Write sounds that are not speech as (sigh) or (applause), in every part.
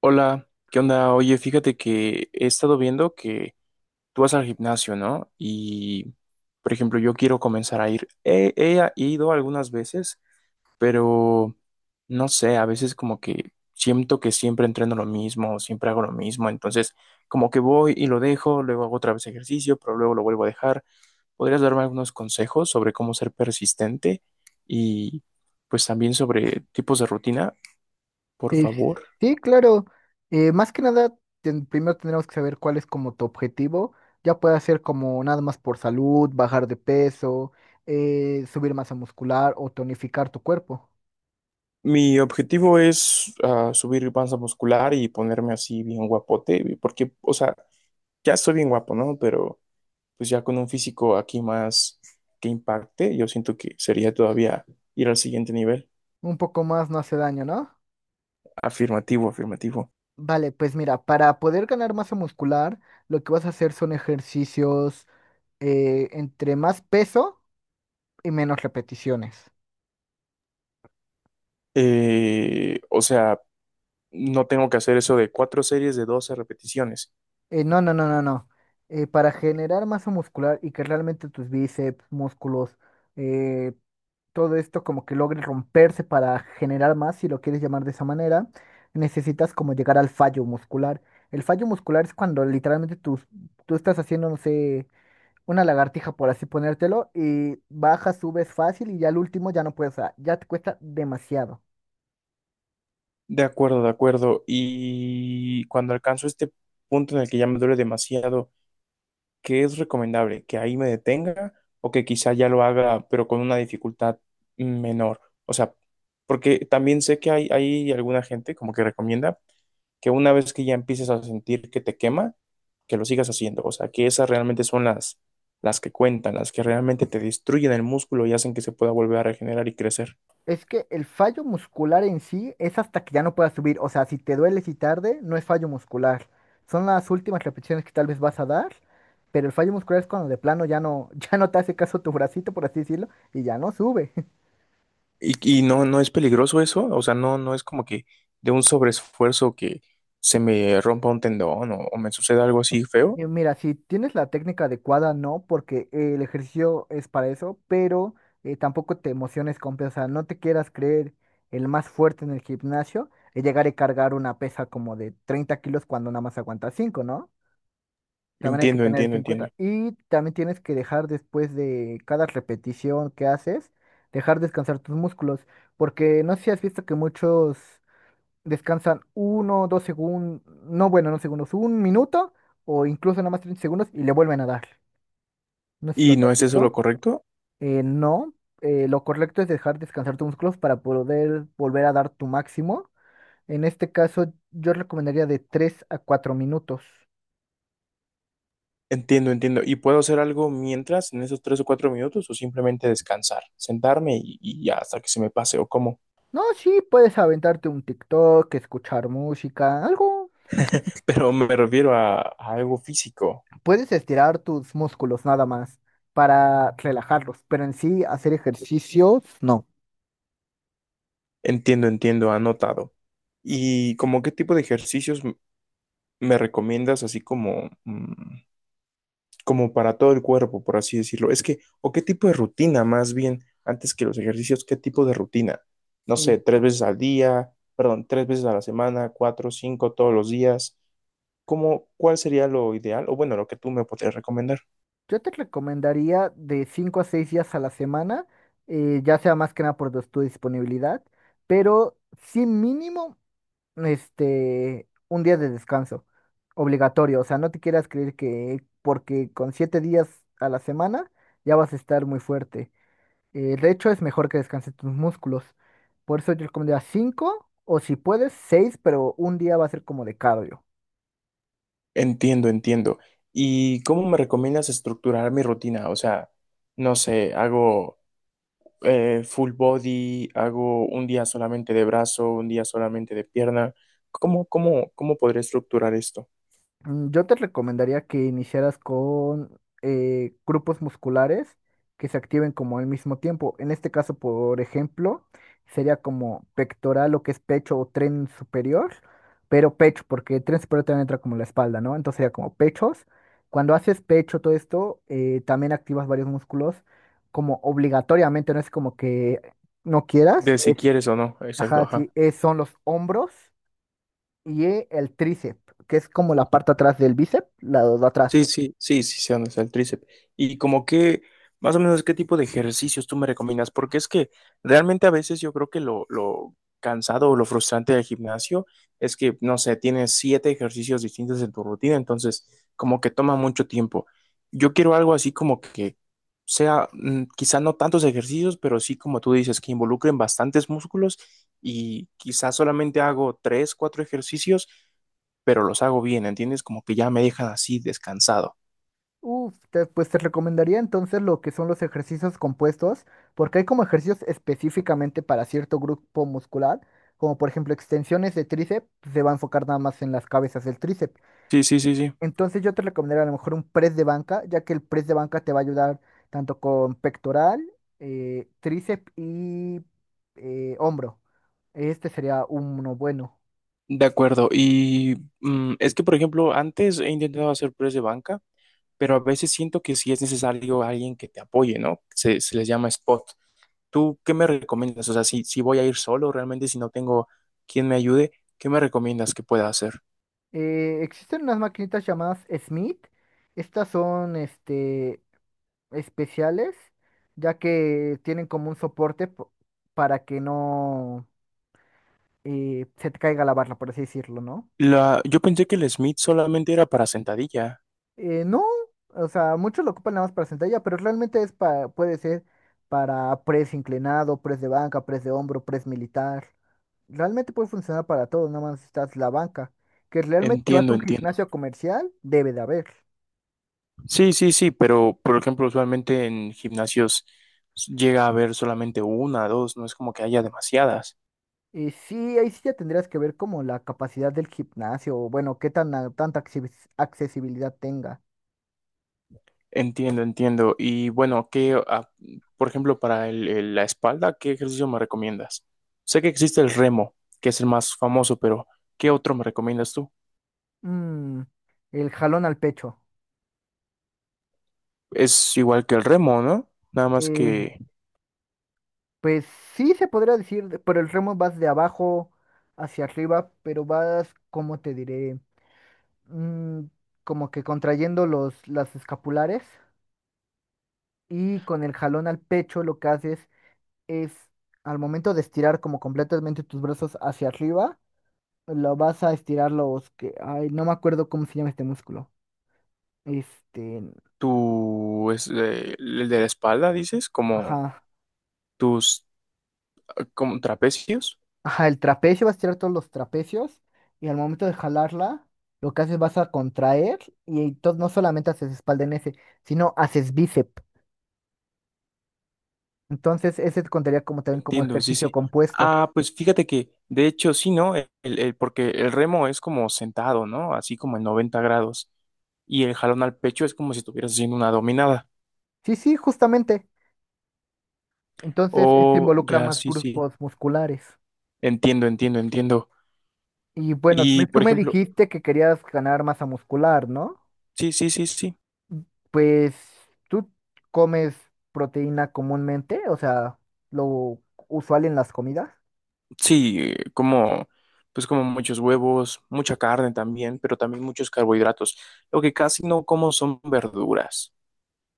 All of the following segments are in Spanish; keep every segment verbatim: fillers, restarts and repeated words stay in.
Hola, ¿qué onda? Oye, fíjate que he estado viendo que tú vas al gimnasio, ¿no? Y, por ejemplo, yo quiero comenzar a ir. He, he ido algunas veces, pero no sé, a veces como que siento que siempre entreno lo mismo, siempre hago lo mismo, entonces como que voy y lo dejo, luego hago otra vez ejercicio, pero luego lo vuelvo a dejar. ¿Podrías darme algunos consejos sobre cómo ser persistente y pues también sobre tipos de rutina, por Eh, favor? sí, claro. Eh, más que nada, ten- primero tendremos que saber cuál es como tu objetivo. Ya puede ser como nada más por salud, bajar de peso, eh, subir masa muscular o tonificar tu cuerpo. Mi objetivo es ah, subir panza muscular y ponerme así bien guapote, porque, o sea, ya estoy bien guapo, ¿no? Pero pues ya con un físico aquí más que impacte, yo siento que sería todavía ir al siguiente nivel. Un poco más no hace daño, ¿no? Afirmativo, afirmativo. Vale, pues mira, para poder ganar masa muscular, lo que vas a hacer son ejercicios eh, entre más peso y menos repeticiones. Eh, o sea, no tengo que hacer eso de cuatro series de doce repeticiones. Eh, no, no, no, no, no. Eh, para generar masa muscular y que realmente tus bíceps, músculos, todo esto como que logre romperse para generar más, si lo quieres llamar de esa manera, necesitas como llegar al fallo muscular. El fallo muscular es cuando literalmente tú, tú estás haciendo, no sé, una lagartija, por así ponértelo, y bajas, subes fácil y ya al último ya no puedes, o sea, ya te cuesta demasiado. De acuerdo, de acuerdo. Y cuando alcanzo este punto en el que ya me duele demasiado, ¿qué es recomendable? ¿Que ahí me detenga o que quizá ya lo haga, pero con una dificultad menor? O sea, porque también sé que hay, hay alguna gente como que recomienda que una vez que ya empieces a sentir que te quema, que lo sigas haciendo. O sea, que esas realmente son las, las que cuentan, las que realmente te destruyen el músculo y hacen que se pueda volver a regenerar y crecer. Es que el fallo muscular en sí es hasta que ya no puedas subir. O sea, si te dueles y tarde, no es fallo muscular. Son las últimas repeticiones que tal vez vas a dar, pero el fallo muscular es cuando de plano ya no, (laughs) ya no te hace caso tu bracito, por así decirlo, y ya no sube. (laughs) Y, y no, no es peligroso eso, o sea, no, no es como que de un sobreesfuerzo que se me rompa un tendón o o me suceda algo así feo. Y mira, si tienes la técnica adecuada, no, porque eh, el ejercicio es para eso, pero eh, tampoco te emociones con, o sea, no te quieras creer el más fuerte en el gimnasio y llegar a cargar una pesa como de treinta kilos cuando nada más aguantas cinco, ¿no? También hay que Entiendo, tener eso entiendo, en cuenta. entiendo. Y también tienes que dejar, después de cada repetición que haces, dejar descansar tus músculos. Porque no sé si has visto que muchos descansan uno, dos segundos, no bueno, no segundos, un minuto o incluso nada más treinta segundos y le vuelven a dar. No sé si ¿Y los no has es eso lo visto. correcto? Eh, no, eh, lo correcto es dejar descansar tus músculos para poder volver a dar tu máximo. En este caso, yo recomendaría de tres a cuatro minutos. Entiendo, entiendo. ¿Y puedo hacer algo mientras, en esos tres o cuatro minutos, o simplemente descansar, sentarme y, y ya hasta que se me pase o cómo? No, sí, puedes aventarte un TikTok, escuchar música, algo. (laughs) Pero me refiero a, a algo físico. Puedes estirar tus músculos nada más para relajarlos, pero en sí hacer ejercicios, no. Entiendo, entiendo, anotado. ¿Y como qué tipo de ejercicios m- me recomiendas, así como mm, como para todo el cuerpo, por así decirlo? Es que, o qué tipo de rutina más bien, antes que los ejercicios, qué tipo de rutina. No Eh, sé, tres veces al día, perdón, tres veces a la semana, cuatro, cinco, todos los días. ¿Cómo, cuál sería lo ideal? O bueno, lo que tú me podrías recomendar. yo te recomendaría de cinco a seis días a la semana, eh, ya sea más que nada por tu tu disponibilidad, pero sí mínimo este, un día de descanso, obligatorio. O sea, no te quieras creer que porque con siete días a la semana ya vas a estar muy fuerte. Eh, de hecho, es mejor que descanses tus músculos. Por eso yo recomendaría cinco o si puedes seis, pero un día va a ser como de cardio. Entiendo, entiendo. ¿Y cómo me recomiendas estructurar mi rutina? O sea, no sé, hago eh, full body, hago un día solamente de brazo, un día solamente de pierna. ¿Cómo, cómo, cómo podría estructurar esto? Mm, Yo te recomendaría que iniciaras con eh, grupos musculares que se activen como al mismo tiempo. En este caso, por ejemplo, sería como pectoral, lo que es pecho o tren superior, pero pecho, porque tren superior también entra como la espalda, ¿no? Entonces sería como pechos. Cuando haces pecho, todo esto, eh, también activas varios músculos como obligatoriamente, no es como que no quieras. De si es- quieres o no, exacto, Ajá, ajá. sí, es- son los hombros y el tríceps, que es como la parte atrás del bíceps, la de Sí, atrás. sí, sí, sí, sé dónde está el tríceps. Y como que, más o menos, ¿qué tipo de ejercicios tú me recomiendas? Porque es que realmente a veces yo creo que lo, lo cansado o lo frustrante del gimnasio es que, no sé, tienes siete ejercicios distintos en tu rutina, entonces como que toma mucho tiempo. Yo quiero algo así como que sea, mm, quizá no tantos ejercicios, pero sí como tú dices, que involucren bastantes músculos y quizá solamente hago tres, cuatro ejercicios pero los hago bien, ¿entiendes? Como que ya me dejan así descansado. Uf, te- pues te recomendaría entonces lo que son los ejercicios compuestos, porque hay como ejercicios específicamente para cierto grupo muscular, como por ejemplo extensiones de tríceps, se va a enfocar nada más en las cabezas del tríceps. Sí, sí, sí, sí. Entonces yo te recomendaría a lo mejor un press de banca, ya que el press de banca te va a ayudar tanto con pectoral, eh, tríceps y eh, hombro. Este sería uno bueno. De acuerdo. Y mm, es que, por ejemplo, antes he intentado hacer press de banca, pero a veces siento que sí es necesario alguien que te apoye, ¿no? Se, se les llama spot. ¿Tú qué me recomiendas? O sea, si, si voy a ir solo, realmente si no tengo quien me ayude, ¿qué me recomiendas que pueda hacer? Eh, existen unas maquinitas llamadas Smith. Estas son este, especiales, ya que tienen como un soporte po- para que no eh, se te caiga la barra, por así decirlo, ¿no? La, yo pensé que el Smith solamente era para sentadilla. Eh, no, o sea, muchos lo ocupan nada más para sentadilla, pero realmente es para, puede ser para press inclinado, press de banca, press de hombro, press militar. Realmente puede funcionar para todo, nada más estás la banca. Que realmente si vas a Entiendo, un entiendo. gimnasio comercial, debe de haber. Sí, sí, sí, pero por ejemplo, usualmente en gimnasios llega a haber solamente una, dos, no es como que haya demasiadas. Y sí, ahí sí ya tendrías que ver como la capacidad del gimnasio, o bueno, qué tan a- tanta accesi- accesibilidad tenga. Entiendo, entiendo. Y bueno, ¿qué, ah, por ejemplo, para el- el- la espalda, qué ejercicio me recomiendas? Sé que existe el remo, que es el más famoso, pero ¿qué otro me recomiendas tú? Mm, el jalón al pecho. Es igual que el remo, ¿no? Nada más Eh, que pues sí se podría decir, de- pero el remo vas de abajo hacia arriba, pero vas, ¿cómo te diré? Mm, como que contrayendo los, las escapulares, y con el jalón al pecho lo que haces es, al momento de estirar como completamente tus brazos hacia arriba, lo vas a estirar los que. Ay, no me acuerdo cómo se llama este músculo. Este. tú, es, eh, el de la espalda, dices, como Ajá. tus, como trapecios. Ajá, el trapecio, vas a estirar todos los trapecios. Y al momento de jalarla, lo que haces vas a contraer. Y entonces no solamente haces espalda en ese, sino haces bíceps. Entonces, ese te contaría como también como Entiendo, sí, ejercicio sí. compuesto. Ah, pues fíjate que, de hecho, sí, ¿no? El, el- porque el remo es como sentado, ¿no? Así como en noventa grados. Y el jalón al pecho es como si estuvieras haciendo una dominada. Sí, sí, justamente. Entonces, esto Oh, involucra ya, más sí, sí. grupos musculares. Entiendo, entiendo, entiendo. Y bueno, Y, me- por tú me ejemplo, dijiste que querías ganar masa muscular, ¿no? sí, sí, sí, sí. Pues tú comes proteína comúnmente, o sea, lo usual en las comidas. Sí, eh, como, pues como muchos huevos, mucha carne también, pero también muchos carbohidratos. Lo que casi no como son verduras.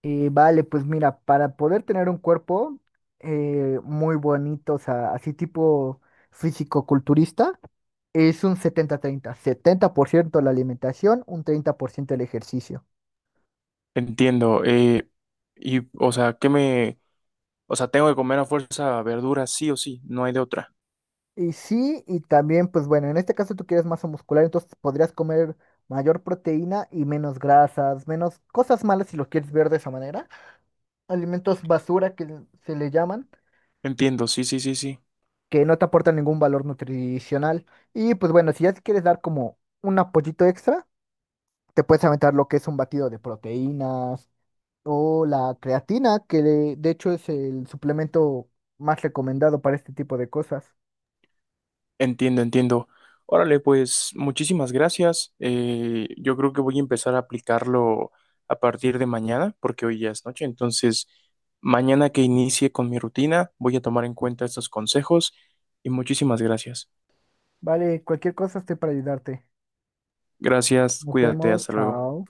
Eh, vale, pues mira, para poder tener un cuerpo eh, muy bonito, o sea, así tipo físico-culturista, es un setenta guion treinta. setenta por ciento la alimentación, un treinta por ciento el ejercicio. Entiendo. Eh, y, o sea, ¿qué me, o sea, tengo que comer a fuerza verduras sí o sí, no hay de otra? Y sí, y también, pues bueno, en este caso tú quieres masa muscular, entonces podrías comer mayor proteína y menos grasas, menos cosas malas si lo quieres ver de esa manera. Alimentos basura que se le llaman, Entiendo, sí, sí, sí, sí. que no te aportan ningún valor nutricional. Y pues bueno, si ya te quieres dar como un apoyito extra, te puedes aventar lo que es un batido de proteínas o la creatina, que de, de hecho es el suplemento más recomendado para este tipo de cosas. Entiendo, entiendo. Órale, pues muchísimas gracias. Eh, yo creo que voy a empezar a aplicarlo a partir de mañana, porque hoy ya es noche. Entonces, mañana que inicie con mi rutina, voy a tomar en cuenta estos consejos y muchísimas gracias. Vale, cualquier cosa estoy para ayudarte. Gracias, Nos cuídate, vemos, hasta luego. chao.